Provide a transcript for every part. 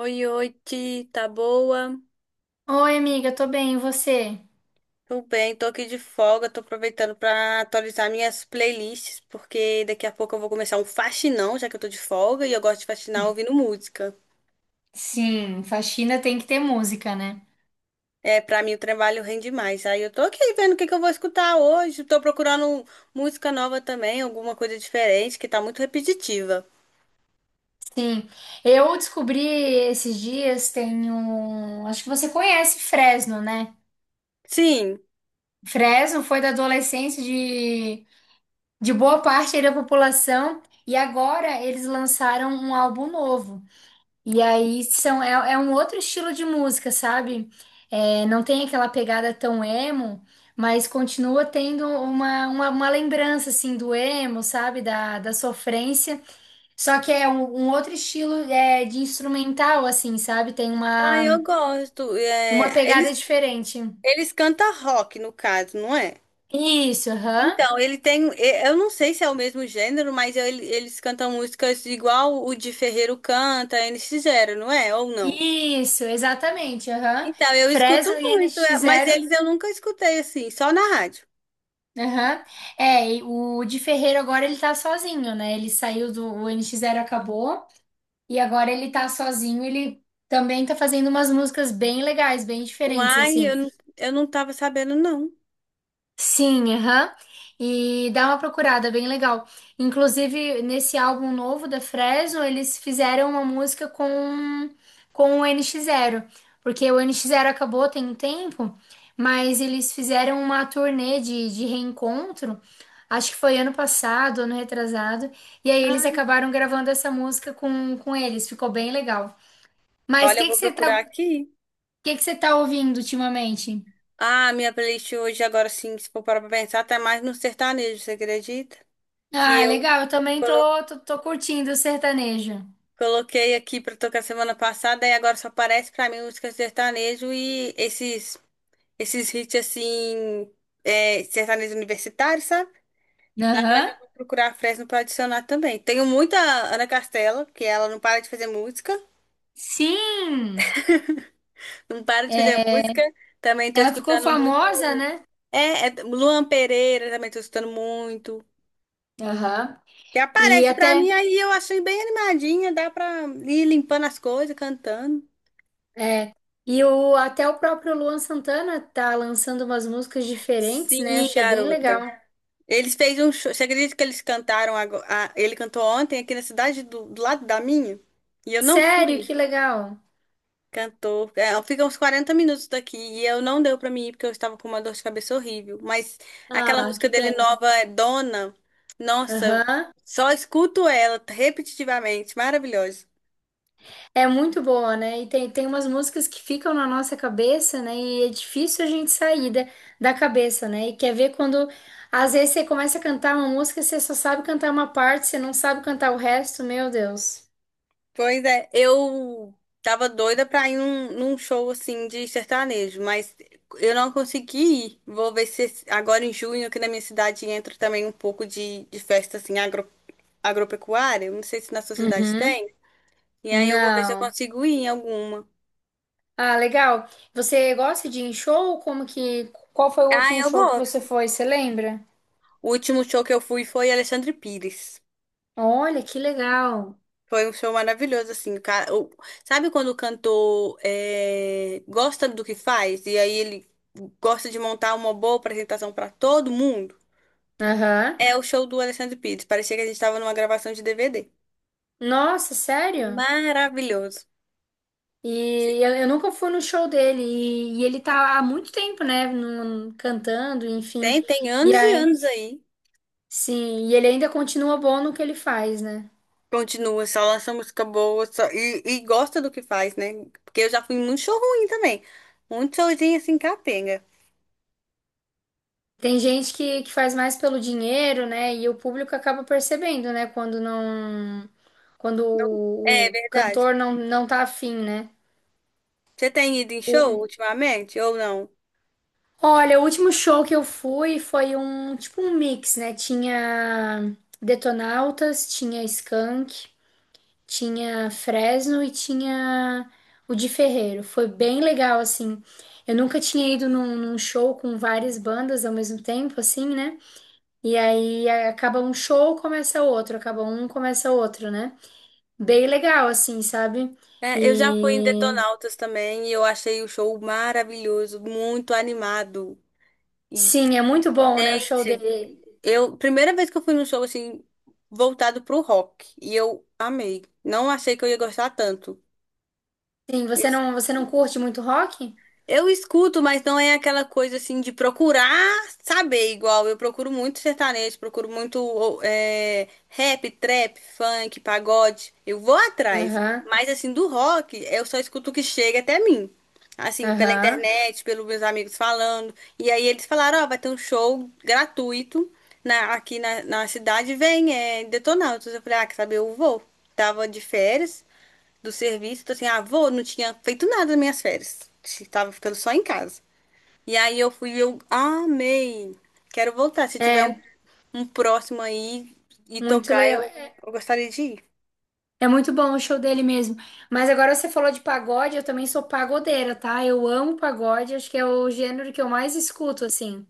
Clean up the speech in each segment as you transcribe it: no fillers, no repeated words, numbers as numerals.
Oi, oi, Ti, tá boa? Oi, amiga, tô bem, e você? Tudo bem, tô aqui de folga, tô aproveitando pra atualizar minhas playlists, porque daqui a pouco eu vou começar um faxinão, já que eu tô de folga e eu gosto de faxinar ouvindo música. Sim, faxina tem que ter música, né? É, pra mim o trabalho rende mais. Aí eu tô aqui vendo o que eu vou escutar hoje, tô procurando música nova também, alguma coisa diferente, que tá muito repetitiva. Sim, eu descobri esses dias, tem um... Acho que você conhece Fresno, né? Sim, Fresno foi da adolescência de boa parte aí da população e agora eles lançaram um álbum novo. E aí é um outro estilo de música, sabe? É, não tem aquela pegada tão emo, mas continua tendo uma lembrança, assim, do emo, sabe? Da sofrência. Só que é um outro estilo de instrumental, assim, sabe? Tem ah, uma, eu gosto. uma É, pegada eles, diferente. eles cantam rock, no caso, não é? Isso, aham. Então, ele tem. Eu não sei se é o mesmo gênero, mas eles cantam músicas igual o de Ferreiro canta, eles fizeram, não é? Ou não? Isso, exatamente, aham. Então, eu escuto Fresno e muito, é, NX mas Zero. eles eu nunca escutei assim, só na rádio. Aham. É, e o de Ferreiro agora ele tá sozinho, né? Ele saiu do o NX Zero, acabou, e agora ele tá sozinho, ele também tá fazendo umas músicas bem legais, bem diferentes Uai, eu, assim. Eu não tava sabendo, não. Sim, aham. E dá uma procurada, bem legal. Inclusive, nesse álbum novo da Fresno, eles fizeram uma música com o NX Zero. Porque o NX Zero acabou tem um tempo, mas eles fizeram uma turnê de reencontro. Acho que foi ano passado, ano retrasado. E aí eles Ai. acabaram gravando essa música com eles. Ficou bem legal. Mas o Olha, eu que vou procurar aqui. Que você tá ouvindo ultimamente? Ah, minha playlist hoje, agora sim, se for parar pra pensar, tá mais no sertanejo, você acredita? Que Ah, eu legal. Eu também colo- tô curtindo o sertanejo. coloquei aqui pra tocar semana passada e agora só aparece pra mim música sertanejo e esses. Esses hits assim, é, sertanejo universitário, sabe? Ah, mas Aham. eu vou procurar a Fresno pra adicionar também. Tenho muita Ana Castela, que ela não para de fazer música, Sim! não para de fazer música. Também tô Ela ficou escutando muito. famosa, né? É, Luan Pereira também tô escutando muito. Aham. E E aparece pra até, mim aí, eu achei bem animadinha, dá pra ir limpando as coisas, cantando. é, até o próprio Luan Santana tá lançando umas músicas diferentes, Sim, né? Achei bem legal. garota. Eles fez um show. Você acredita que eles cantaram agora? Ele cantou ontem aqui na cidade do, do lado da minha? E eu não Sério, fui. que legal. Cantou. É, fica uns 40 minutos daqui e eu não deu pra mim ir porque eu estava com uma dor de cabeça horrível. Mas aquela Ah, música que dele pena. nova é Dona. Nossa, eu Aham. só escuto ela repetitivamente. Maravilhosa. É muito boa, né? E tem umas músicas que ficam na nossa cabeça, né? E é difícil a gente sair da cabeça, né? E quer ver quando, às vezes, você começa a cantar uma música, você só sabe cantar uma parte, você não sabe cantar o resto, meu Deus. Pois é, eu tava doida pra ir num show assim de sertanejo, mas eu não consegui ir. Vou ver se agora em junho aqui na minha cidade entra também um pouco de festa assim agro, agropecuária. Não sei se na sua cidade Uhum. tem. E aí eu vou ver se eu Não. consigo ir em alguma. Ah, legal. Você gosta de ir em show? Como que. Qual foi o Ah, último eu show que você gosto. foi? Você lembra? O último show que eu fui foi Alexandre Pires. Olha, que legal. Foi um show maravilhoso, assim. Sabe quando o cantor é, gosta do que faz? E aí ele gosta de montar uma boa apresentação pra todo mundo? Aham. É o show do Alexandre Pires. Parecia que a gente estava numa gravação de DVD. Nossa, sério? Maravilhoso. E eu nunca fui no show dele. E ele tá há muito tempo, né? Cantando, enfim. Tem, E anos e aí, anos aí. sim, e ele ainda continua bom no que ele faz, né? Continua, só lança música boa, e gosta do que faz, né? Porque eu já fui em muito show ruim também. Muito showzinho assim, capenga. Tem gente que faz mais pelo dinheiro, né? E o público acaba percebendo, né? Quando não. Quando Não- É o verdade. cantor não tá afim, né? Você tem ido em O- show ultimamente ou não? olha, o último show que eu fui foi um tipo um mix, né? Tinha Detonautas, tinha Skank. Tinha Fresno e tinha o de Ferreiro. Foi bem legal, assim. Eu nunca tinha ido num show com várias bandas ao mesmo tempo, assim, né? E aí acaba um show, começa outro, acaba um, começa outro, né? Bem legal, assim, sabe? É, eu já fui em E Detonautas também e eu achei o show maravilhoso, muito animado. E, sim, é muito bom, né? O show gente, dele. eu, primeira vez que eu fui num show assim, voltado pro rock, e eu amei. Não achei que eu ia gostar tanto. Sim, você não curte muito rock? Eu escuto, mas não é aquela coisa assim de procurar saber igual. Eu procuro muito sertanejo, procuro muito ô, é, rap, trap, funk, pagode. Eu vou atrás. Aham, Mas assim, do rock, eu só escuto o que chega até mim. Assim, pela aham. internet, pelos meus amigos falando. E aí eles falaram, ó, vai ter um show gratuito aqui na cidade, vem, é Detonautas. Eu falei, ah, quer saber, eu vou. Tava de férias do serviço. Então, assim, ah, vou, não tinha feito nada nas minhas férias. Tava ficando só em casa. E aí eu fui, e eu amei. Quero voltar. Se tiver um, É, um próximo aí e muito tocar, eu, legal. eu gostaria de ir. É muito bom o show dele mesmo. Mas agora você falou de pagode, eu também sou pagodeira, tá? Eu amo pagode, acho que é o gênero que eu mais escuto, assim.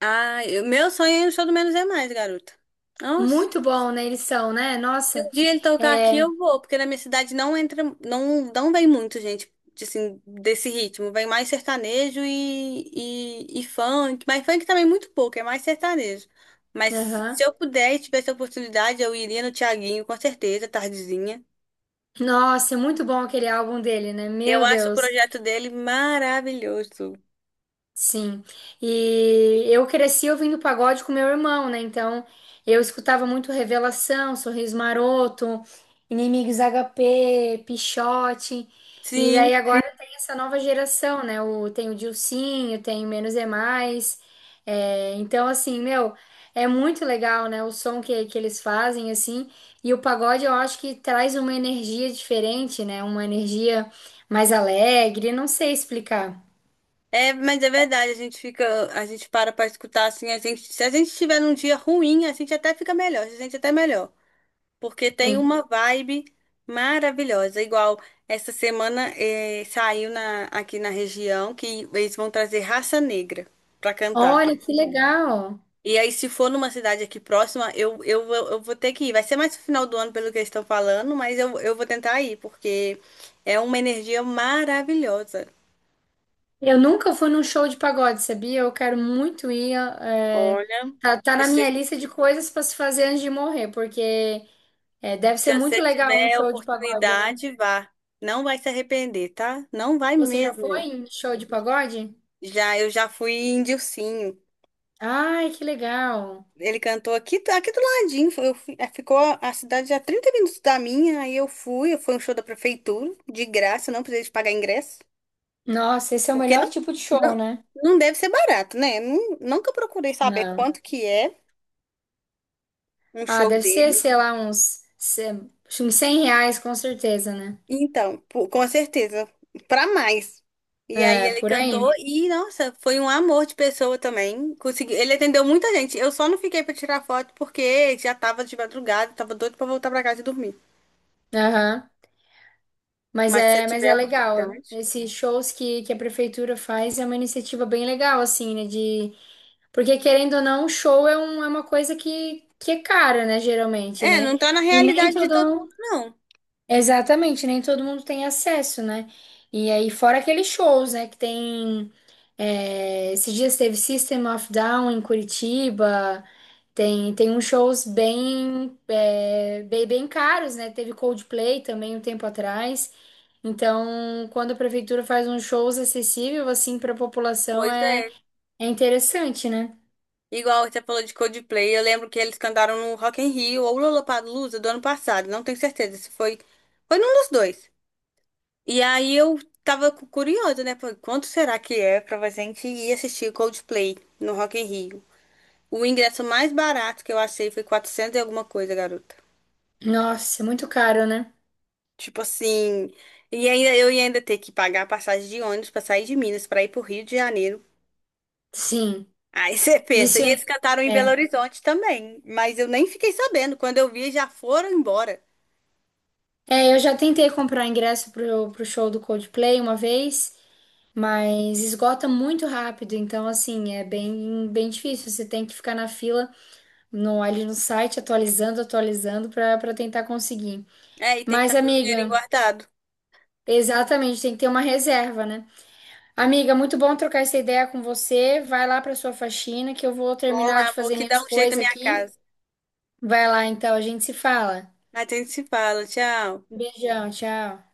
Ah, meu sonho é o show do Menos é Mais, garota. Nossa. Muito bom, né? Eles são, né? Se um Nossa, dia ele tocar aqui, é. eu vou, porque na minha cidade não entra, não, não vem muito gente, de, assim, desse ritmo. Vem mais sertanejo e funk, mas funk também é muito pouco, é mais sertanejo. Mas se Aham. eu puder e tivesse a oportunidade, eu iria no Thiaguinho, com certeza, tardezinha. Nossa, é muito bom aquele álbum dele, né? Eu Meu acho o Deus. projeto dele maravilhoso. Sim, e eu cresci ouvindo pagode com meu irmão, né? Então eu escutava muito Revelação, Sorriso Maroto, Inimigos HP Pixote, e Sim, daí agora tem essa nova geração, né? Tem o Dilsinho, tem o Menos é Mais, é, então assim, meu, é muito legal, né? O som que eles fazem, assim, e o pagode eu acho que traz uma energia diferente, né? Uma energia mais alegre, não sei explicar. é, mas é verdade, a gente fica, a gente para pra escutar assim, a gente, se a gente tiver num dia ruim, a gente até fica melhor, a gente até melhor. Porque tem uma vibe maravilhosa. Igual essa semana saiu aqui na região que eles vão trazer Raça Negra pra cantar. Olha que legal! E aí, se for numa cidade aqui próxima, eu vou ter que ir. Vai ser mais no final do ano, pelo que eles estão falando, mas eu vou tentar ir, porque é uma energia maravilhosa. Eu nunca fui num show de pagode, sabia? Eu quero muito ir. é, Olha, tá, tá na se, minha você- lista de coisas para se fazer antes de morrer, porque deve se ser muito você legal um tiver a show de pagode, né? oportunidade, vá. Não vai se arrepender, tá? Não vai Você já foi mesmo. em show de pagode? Já, eu já fui em Dilcinho. Ai, que legal! Ele cantou aqui, aqui do ladinho. É, ficou a cidade a 30 minutos da minha, aí eu fui, foi um show da prefeitura, de graça, não precisei de pagar ingresso. Nossa, esse é o Porque melhor tipo de show, não, né? não deve ser barato, né? Nunca procurei saber Não. quanto que é um Ah, show deve ser, dele. sei lá, uns, se- uns R$ 100, com certeza, né? Então, pô, com certeza, pra mais. E aí É, ele por cantou aí. e, nossa, foi um amor de pessoa também. Consegui, ele atendeu muita gente. Eu só não fiquei pra tirar foto porque já tava de madrugada, tava doido pra voltar pra casa e dormir. Aham. Mas Mas se eu é, mas tiver a é legal. oportunidade. Esses shows que a prefeitura faz é uma iniciativa bem legal, assim, né? De... Porque, querendo ou não, show é uma coisa que é cara, né? Geralmente, É, né? não tá na E nem realidade de todo todo mundo... mundo, não. Exatamente, nem todo mundo tem acesso, né? E aí, fora aqueles shows, né? Que tem... Esses dias teve System of Down em Curitiba... Tem uns shows bem caros, né? Teve Coldplay também um tempo atrás. Então, quando a prefeitura faz uns shows acessível assim para a população Pois é, é. é interessante, né? Igual você falou de Coldplay, eu lembro que eles cantaram no Rock in Rio ou Lollapalooza do ano passado, não tenho certeza se foi, foi num dos dois. E aí eu tava curiosa, né? Falei, quanto será que é pra gente ir assistir Coldplay no Rock in Rio? O ingresso mais barato que eu achei foi 400 e alguma coisa, garota. Nossa, é muito caro, né? Tipo assim, e ainda eu ia ainda ter que pagar a passagem de ônibus pra sair de Minas pra ir pro Rio de Janeiro. Sim, Aí você pensa, isso e eles cantaram em Belo é. Horizonte também, mas eu nem fiquei sabendo. Quando eu vi, já foram embora. É, eu já tentei comprar ingresso pro show do Coldplay uma vez, mas esgota muito rápido, então assim, é bem bem difícil. Você tem que ficar na fila no site atualizando, atualizando para tentar conseguir. É, e tem que Mas, estar com o dinheirinho amiga, guardado. exatamente, tem que ter uma reserva, né? Amiga, muito bom trocar essa ideia com você. Vai lá para sua faxina que eu vou Vou terminar lá, de vou fazer que dar minhas um jeito na coisas minha aqui. casa. Vai lá então, a gente se fala. Mas a gente se fala, tchau. Beijão, tchau.